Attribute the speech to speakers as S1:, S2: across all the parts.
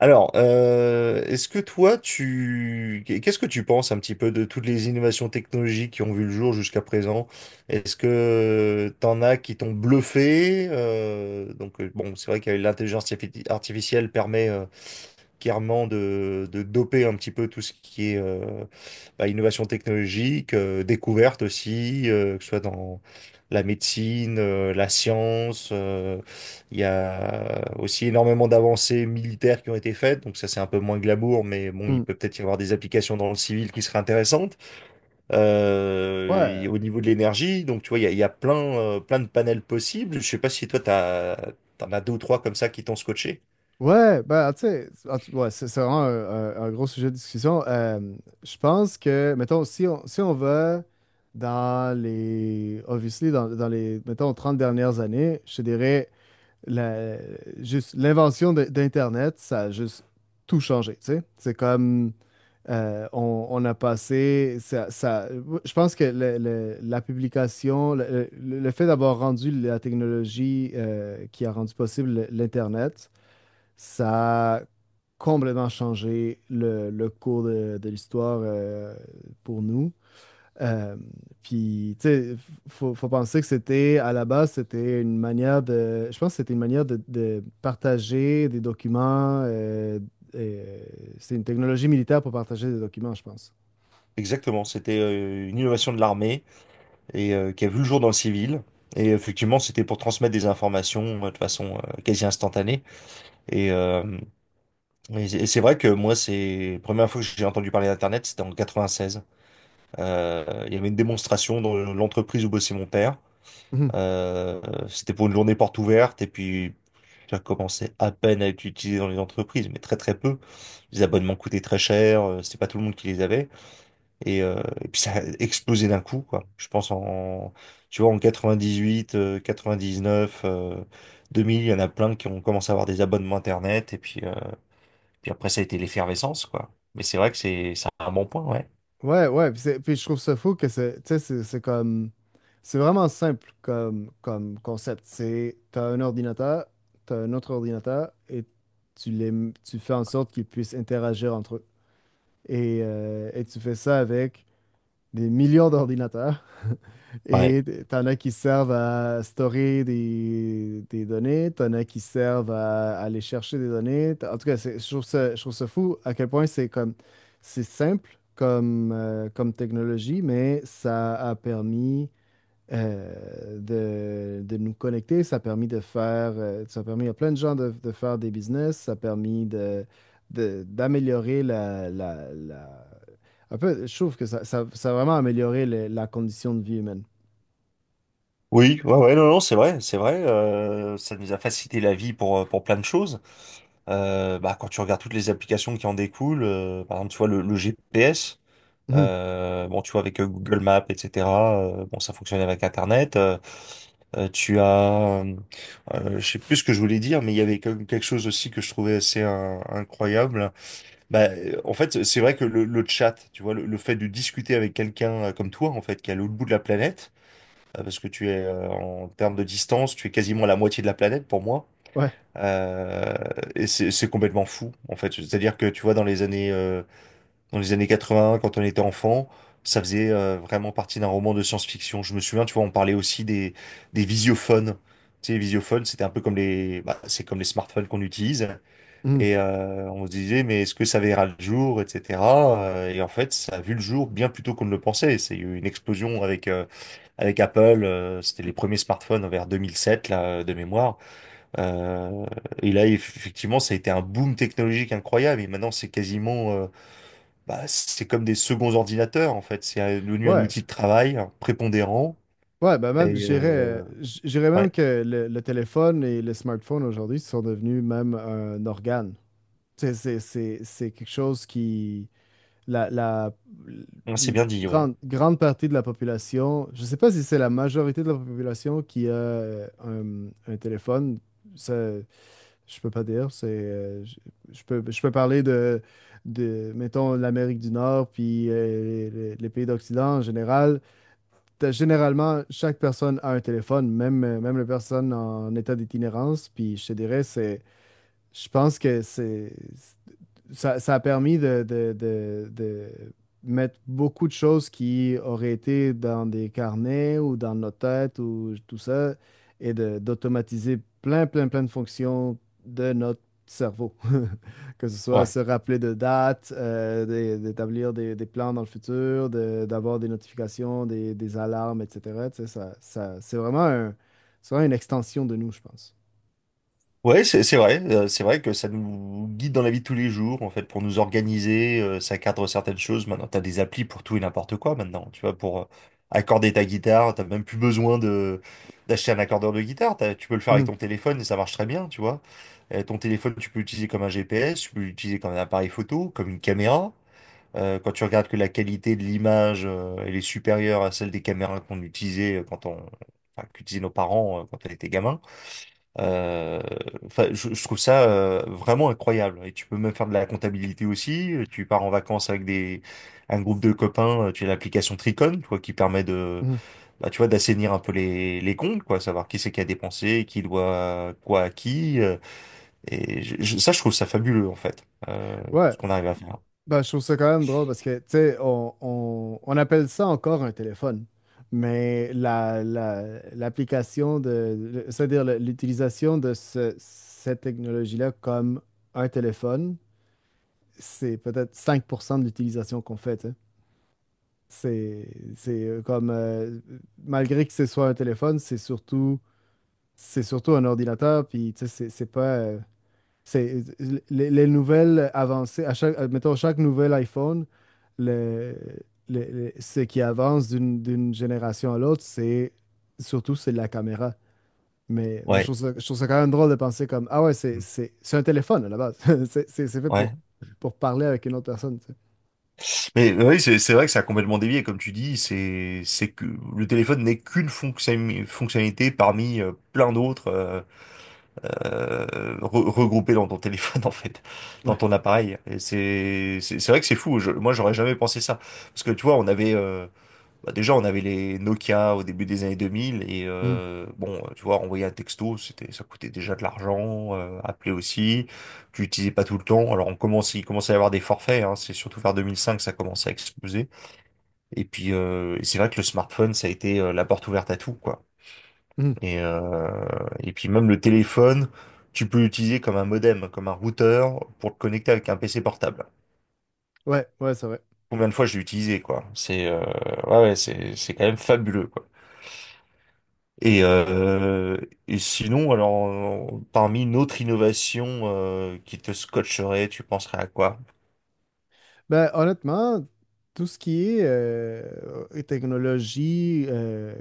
S1: Alors, est-ce que qu'est-ce que tu penses un petit peu de toutes les innovations technologiques qui ont vu le jour jusqu'à présent? Est-ce que t'en as qui t'ont bluffé? Donc, bon, c'est vrai que l'intelligence artificielle permet clairement de doper un petit peu tout ce qui est bah, innovation technologique, découverte aussi, que ce soit dans la médecine, la science. Il y a aussi énormément d'avancées militaires qui ont été faites, donc ça c'est un peu moins glamour, mais bon, il
S2: Mm.
S1: peut peut-être y avoir des applications dans le civil qui seraient intéressantes.
S2: Ouais,
S1: Et au niveau de l'énergie, donc tu vois, il y a plein, plein de panels possibles. Je sais pas si toi, t'en as deux ou trois comme ça qui t'ont scotché.
S2: ouais, ben, tu sais, ouais, c'est vraiment un gros sujet de discussion. Je pense que, mettons, si on va dans obviously, dans les, mettons, 30 dernières années, je te dirais, la, juste d'Internet, ça a juste tout changé, tu sais. C'est comme, on a passé, je pense que la publication, le fait d'avoir rendu la technologie qui a rendu possible l'Internet. Ça a complètement changé le cours de l'histoire pour nous. Euh, tu sais, faut penser que c'était, à la base, c'était une manière de. Je pense que c'était une manière de partager des documents. Euh, c'est une technologie militaire pour partager des documents, je pense.
S1: Exactement, c'était une innovation de l'armée et qui a vu le jour dans le civil. Et effectivement, c'était pour transmettre des informations de façon quasi instantanée. Et, euh, et c'est vrai que moi, c'est la première fois que j'ai entendu parler d'Internet, c'était en 96. Il y avait une démonstration dans l'entreprise où bossait mon père. Euh, C'était pour une journée porte ouverte et puis ça commençait à peine à être utilisé dans les entreprises, mais très très peu. Les abonnements coûtaient très cher, c'était pas tout le monde qui les avait. Et puis ça a explosé d'un coup, quoi. Je pense tu vois, en 98, 99, 2000, il y en a plein qui ont commencé à avoir des abonnements Internet. Et puis après, ça a été l'effervescence, quoi. Mais c'est vrai que c'est un bon point, ouais.
S2: Ouais, puis, puis je trouve ça fou que c'est, tu sais, c'est comme, c'est vraiment simple comme concept. C'est, t'as un ordinateur, t'as un autre ordinateur, et tu fais en sorte qu'ils puissent interagir entre eux. Et tu fais ça avec des millions d'ordinateurs.
S1: Ouais.
S2: Et t'en as qui servent à stocker des données, t'en as qui servent à aller chercher des données. En tout cas, je trouve ça fou à quel point c'est comme c'est simple comme, comme technologie, mais ça a permis de nous connecter, ça a permis de faire, ça a permis à plein de gens de faire des business, ça a permis d'améliorer un peu, je trouve que ça a vraiment amélioré la condition de vie humaine.
S1: Oui, ouais, ouais, non, non, c'est vrai, c'est vrai. Ça nous a facilité la vie pour plein de choses. Bah, quand tu regardes toutes les applications qui en découlent, par exemple, tu vois, le GPS.
S2: Mhm.
S1: Bon, tu vois, avec Google Maps, etc. Bon, ça fonctionnait avec Internet. Euh, tu as, euh, je sais plus ce que je voulais dire, mais il y avait comme quelque chose aussi que je trouvais assez incroyable. Bah, en fait, c'est vrai que le chat, tu vois, le fait de discuter avec quelqu'un comme toi, en fait, qui est à l'autre bout de la planète, parce que tu es en termes de distance, tu es quasiment à la moitié de la planète pour moi.
S2: Ouais.
S1: Euh, et c'est complètement fou, en fait. C'est-à-dire que tu vois, dans les années 80, quand on était enfant, ça faisait vraiment partie d'un roman de science-fiction. Je me souviens, tu vois, on parlait aussi des visiophones. Tu sais, les visiophones, c'était un peu bah, c'est comme les smartphones qu'on utilise.
S2: Mhm.
S1: On se disait, mais est-ce que ça verra le jour, etc. Et en fait, ça a vu le jour bien plus tôt qu'on ne le pensait. C'est eu une explosion avec Apple. C'était les premiers smartphones vers 2007, là, de mémoire. Euh, et là, effectivement, ça a été un boom technologique incroyable. Et maintenant, c'est quasiment bah, c'est comme des seconds ordinateurs, en fait. C'est devenu un
S2: Ouais.
S1: outil de travail hein, prépondérant.
S2: Ouais, ben même,
S1: Et euh,
S2: je dirais même
S1: ouais,
S2: que le téléphone et le smartphone aujourd'hui sont devenus même un organe. Tu sais, c'est, c'est quelque chose qui, la, la,
S1: ouais, c'est
S2: une
S1: bien dit, ouais.
S2: grande partie de la population, je ne sais pas si c'est la majorité de la population qui a un téléphone. Ça, je peux pas dire, je peux parler de mettons l'Amérique du Nord puis les pays d'Occident en général. T'as- généralement, chaque personne a un téléphone, même les personnes en état d'itinérance. Puis je te dirais, c'est je pense que c'est ça a permis de mettre beaucoup de choses qui auraient été dans des carnets ou dans nos têtes ou tout ça, et d'automatiser plein de fonctions de notre cerveau. Que ce soit
S1: Ouais,
S2: se rappeler de dates, d'établir des plans dans le futur, d'avoir des notifications, des alarmes, etc. Tu sais, c'est vraiment c'est vraiment une extension de nous, je pense.
S1: ouais, c'est vrai. C'est vrai que ça nous guide dans la vie de tous les jours, en fait, pour nous organiser. Ça cadre certaines choses. Maintenant, t'as des applis pour tout et n'importe quoi, maintenant. Tu vois, pour accorder ta guitare, t'as même plus besoin de d'acheter un accordeur de guitare. Tu peux le faire avec
S2: Mhm.
S1: ton téléphone et ça marche très bien, tu vois. Ton téléphone, tu peux l'utiliser comme un GPS, tu peux l'utiliser comme un appareil photo, comme une caméra. Quand tu regardes que la qualité de l'image, elle est supérieure à celle des caméras qu'on utilisait enfin, qu'utilisaient nos parents quand on était gamin. Euh, enfin, je trouve ça vraiment incroyable. Et tu peux même faire de la comptabilité aussi. Tu pars en vacances avec un groupe de copains. Tu as l'application Tricon, tu vois, qui
S2: Mhm.
S1: bah, tu vois, d'assainir un peu les comptes, quoi, savoir qui c'est qui a dépensé, qui doit quoi à qui. Ça, je trouve ça fabuleux en fait, tout
S2: Ouais.
S1: ce qu'on arrive à faire.
S2: Ben, je trouve ça quand même drôle parce que, tu sais, on appelle ça encore un téléphone, mais l'application c'est-à-dire l'utilisation de cette technologie-là comme un téléphone, c'est peut-être 5% de l'utilisation qu'on fait, tu sais. C'est, c'est comme, malgré que ce soit un téléphone, c'est surtout un ordinateur, puis, tu sais, c'est pas... c'est Les nouvelles avancées, à chaque, mettons, chaque nouvel iPhone, le, ce qui avance d'une génération à l'autre, c'est la caméra. Mais
S1: Ouais.
S2: je trouve ça quand même drôle de penser comme, ah ouais,
S1: Mm.
S2: c'est un téléphone à la base. C'est fait
S1: Ouais.
S2: pour parler avec une autre personne, tu sais.
S1: Mais oui, c'est vrai que ça a complètement dévié, comme tu dis, c'est que le téléphone n'est qu'une fonctionnalité parmi plein d'autres euh, regroupées dans ton téléphone en fait, dans
S2: Ouais.
S1: ton appareil. Et c'est vrai que c'est fou. Moi, j'aurais jamais pensé ça parce que tu vois, on avait bah, déjà on avait les Nokia au début des années 2000 et
S2: Mhm.
S1: bon, tu vois, envoyer un texto, c'était ça coûtait déjà de l'argent, appeler aussi tu l'utilisais pas tout le temps. Il commence à y avoir des forfaits, hein. C'est surtout vers 2005 que ça commençait à exploser. Et puis c'est vrai que le smartphone, ça a été la porte ouverte à tout, quoi.
S2: Mhm.
S1: Et, euh, et puis même le téléphone, tu peux l'utiliser comme un modem, comme un routeur pour te connecter avec un PC portable.
S2: Ouais, ouais, c'est vrai.
S1: Combien de fois je l'ai utilisé, quoi. C'est Ouais, ouais, c'est quand même fabuleux, quoi. Et, euh, et sinon, alors, parmi une autre innovation qui te scotcherait, tu penserais à quoi?
S2: Ben, honnêtement, tout ce qui est technologie, euh,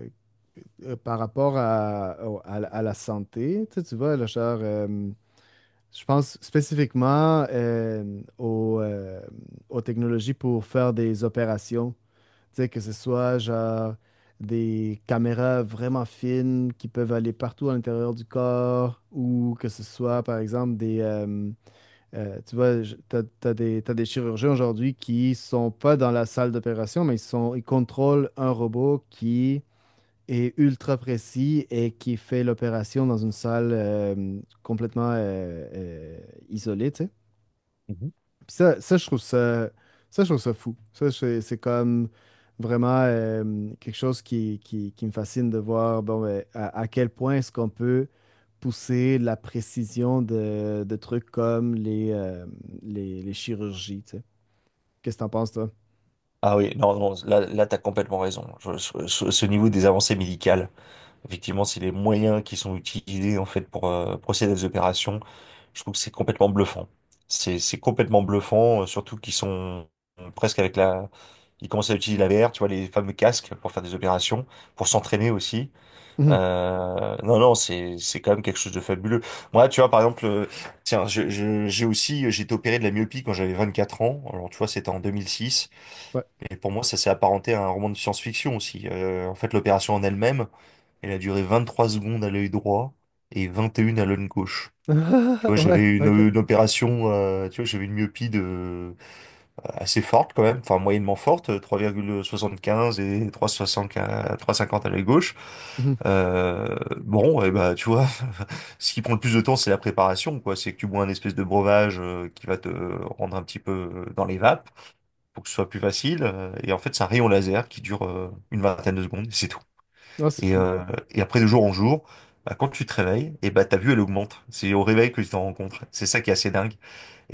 S2: euh, par rapport à la santé, tu sais, tu vois, là, genre, je pense spécifiquement aux technologies pour faire des opérations, tu sais, que ce soit genre des caméras vraiment fines qui peuvent aller partout à l'intérieur du corps ou que ce soit, par exemple, tu vois, t'as des chirurgiens aujourd'hui qui sont pas dans la salle d'opération, mais ils contrôlent un robot qui et ultra précis et qui fait l'opération dans une salle complètement isolée, tu sais.
S1: Mhm.
S2: Je trouve ça, je trouve ça fou. Ça, c'est comme vraiment quelque chose qui me fascine de voir bon, ben, à quel point est-ce qu'on peut pousser la précision de trucs comme les chirurgies, tu sais. Qu'est-ce que t'en penses, toi?
S1: Ah oui, non, non, là, là, t'as complètement raison. Ce niveau des avancées médicales. Effectivement, c'est les moyens qui sont utilisés en fait pour procéder à des opérations. Je trouve que c'est complètement bluffant. C'est complètement bluffant, surtout qu'ils sont presque avec la. Ils commencent à utiliser la VR, tu vois, les fameux casques pour faire des opérations, pour s'entraîner aussi.
S2: Mhm.
S1: Non, non, c'est quand même quelque chose de fabuleux. Moi, tu vois, par exemple, tiens, j'ai aussi j'ai été opéré de la myopie quand j'avais 24 ans. Alors, tu vois, c'était en 2006.
S2: Ouais.
S1: Et pour moi, ça s'est apparenté à un roman de science-fiction aussi. En fait, l'opération en elle-même. Elle a duré 23 secondes à l'œil droit et 21 à l'œil gauche. Tu vois,
S2: Ouais,
S1: j'avais
S2: ok.
S1: une opération, tu vois, j'avais une assez forte quand même, enfin moyennement forte, 3,75 et 3,75 3,50 à l'œil gauche.
S2: Mhm.
S1: Bon, et bah, tu vois, ce qui prend le plus de temps, c'est la préparation, quoi. C'est que tu bois un espèce de breuvage qui va te rendre un petit peu dans les vapes pour que ce soit plus facile. Et en fait, c'est un rayon laser qui dure une vingtaine de secondes, et c'est tout.
S2: Ah, c'est
S1: Et,
S2: fou.
S1: euh, et après, de jour en jour, bah, quand tu te réveilles, et bah, ta vue, elle augmente. C'est au réveil que tu t'en rends compte. C'est ça qui est assez dingue.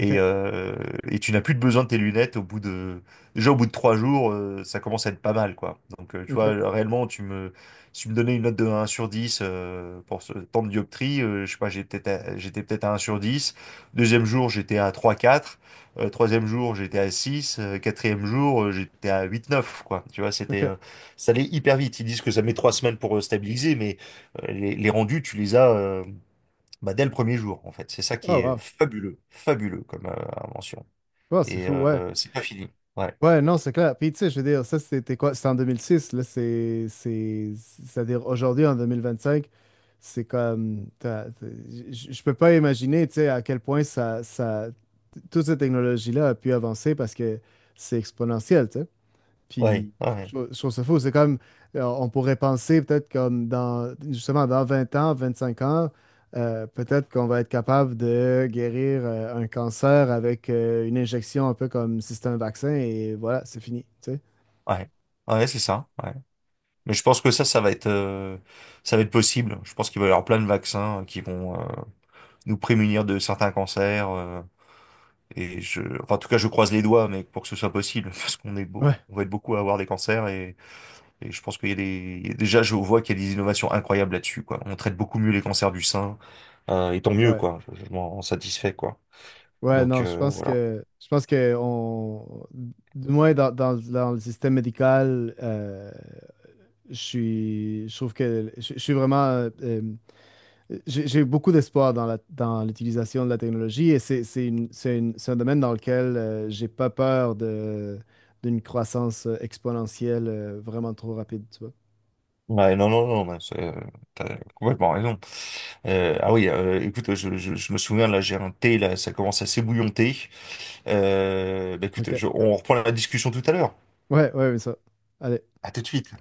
S2: Ok,
S1: euh, et tu n'as plus de besoin de tes lunettes au bout de... Déjà, au bout de 3 jours, ça commence à être pas mal, quoi. Donc, tu vois,
S2: ok,
S1: réellement, si tu me donnais une note de 1 sur 10 pour ce temps de dioptrie, je sais pas, j'étais peut-être à 1 sur 10. Deuxième jour, j'étais à trois quatre. Troisième jour, j'étais à six. Quatrième jour, j'étais à huit neuf, quoi. Tu vois,
S2: ok.
S1: ça allait hyper vite. Ils disent que ça met 3 semaines pour stabiliser, mais les rendus, tu les as. Bah, dès le premier jour, en fait. C'est ça qui
S2: Oh,
S1: est
S2: wow.
S1: fabuleux, fabuleux comme invention.
S2: Ouais, c'est fou, ouais.
S1: C'est pas fini. Ouais,
S2: Ouais, non, c'est clair. Puis, tu sais, je veux dire, ça, c'était quoi? C'était en 2006, c'est-à-dire, aujourd'hui, en 2025, c'est comme... t'as- t'as- je peux pas imaginer, tu sais, à quel point toute cette technologie-là a pu avancer parce que c'est exponentiel, tu sais.
S1: ouais,
S2: Puis,
S1: ouais, ouais,
S2: je trouve ça fou. C'est comme, on pourrait penser peut-être comme dans, justement, dans 20 ans, 25 ans, peut-être qu'on va être capable de guérir un cancer avec une injection un peu comme si c'était un vaccin et voilà, c'est fini, tu sais.
S1: ouais, Ouais, c'est ça. Ouais. Mais je pense que ça, ça va être possible. Je pense qu'il va y avoir plein de vaccins qui vont nous prémunir de certains cancers. Et enfin, en tout cas, je croise les doigts, mais pour que ce soit possible, parce qu'on est beau,
S2: Ouais,
S1: on va être beaucoup à avoir des cancers et je pense qu'il y a déjà, je vois qu'il y a des innovations incroyables là-dessus, quoi. On traite beaucoup mieux les cancers du sein. Et tant mieux,
S2: ouais.
S1: quoi. Je m'en satisfais, quoi.
S2: Ouais,
S1: Donc
S2: non,
S1: euh, voilà.
S2: je pense que on, du moins dans le système médical, je trouve que je suis vraiment euh, j'ai beaucoup d'espoir dans dans l'utilisation de la technologie et c'est un domaine dans lequel j'ai pas peur de, d'une croissance exponentielle vraiment trop rapide, tu vois.
S1: Ouais, non, non, non, t'as complètement raison. Ah oui, écoute, je me souviens, là, j'ai un thé, là, ça commence à s'ébouillonter. Bah écoute,
S2: OK.
S1: on reprend la discussion tout à l'heure.
S2: Ouais, ouais, mais ça. Allez.
S1: À tout de suite.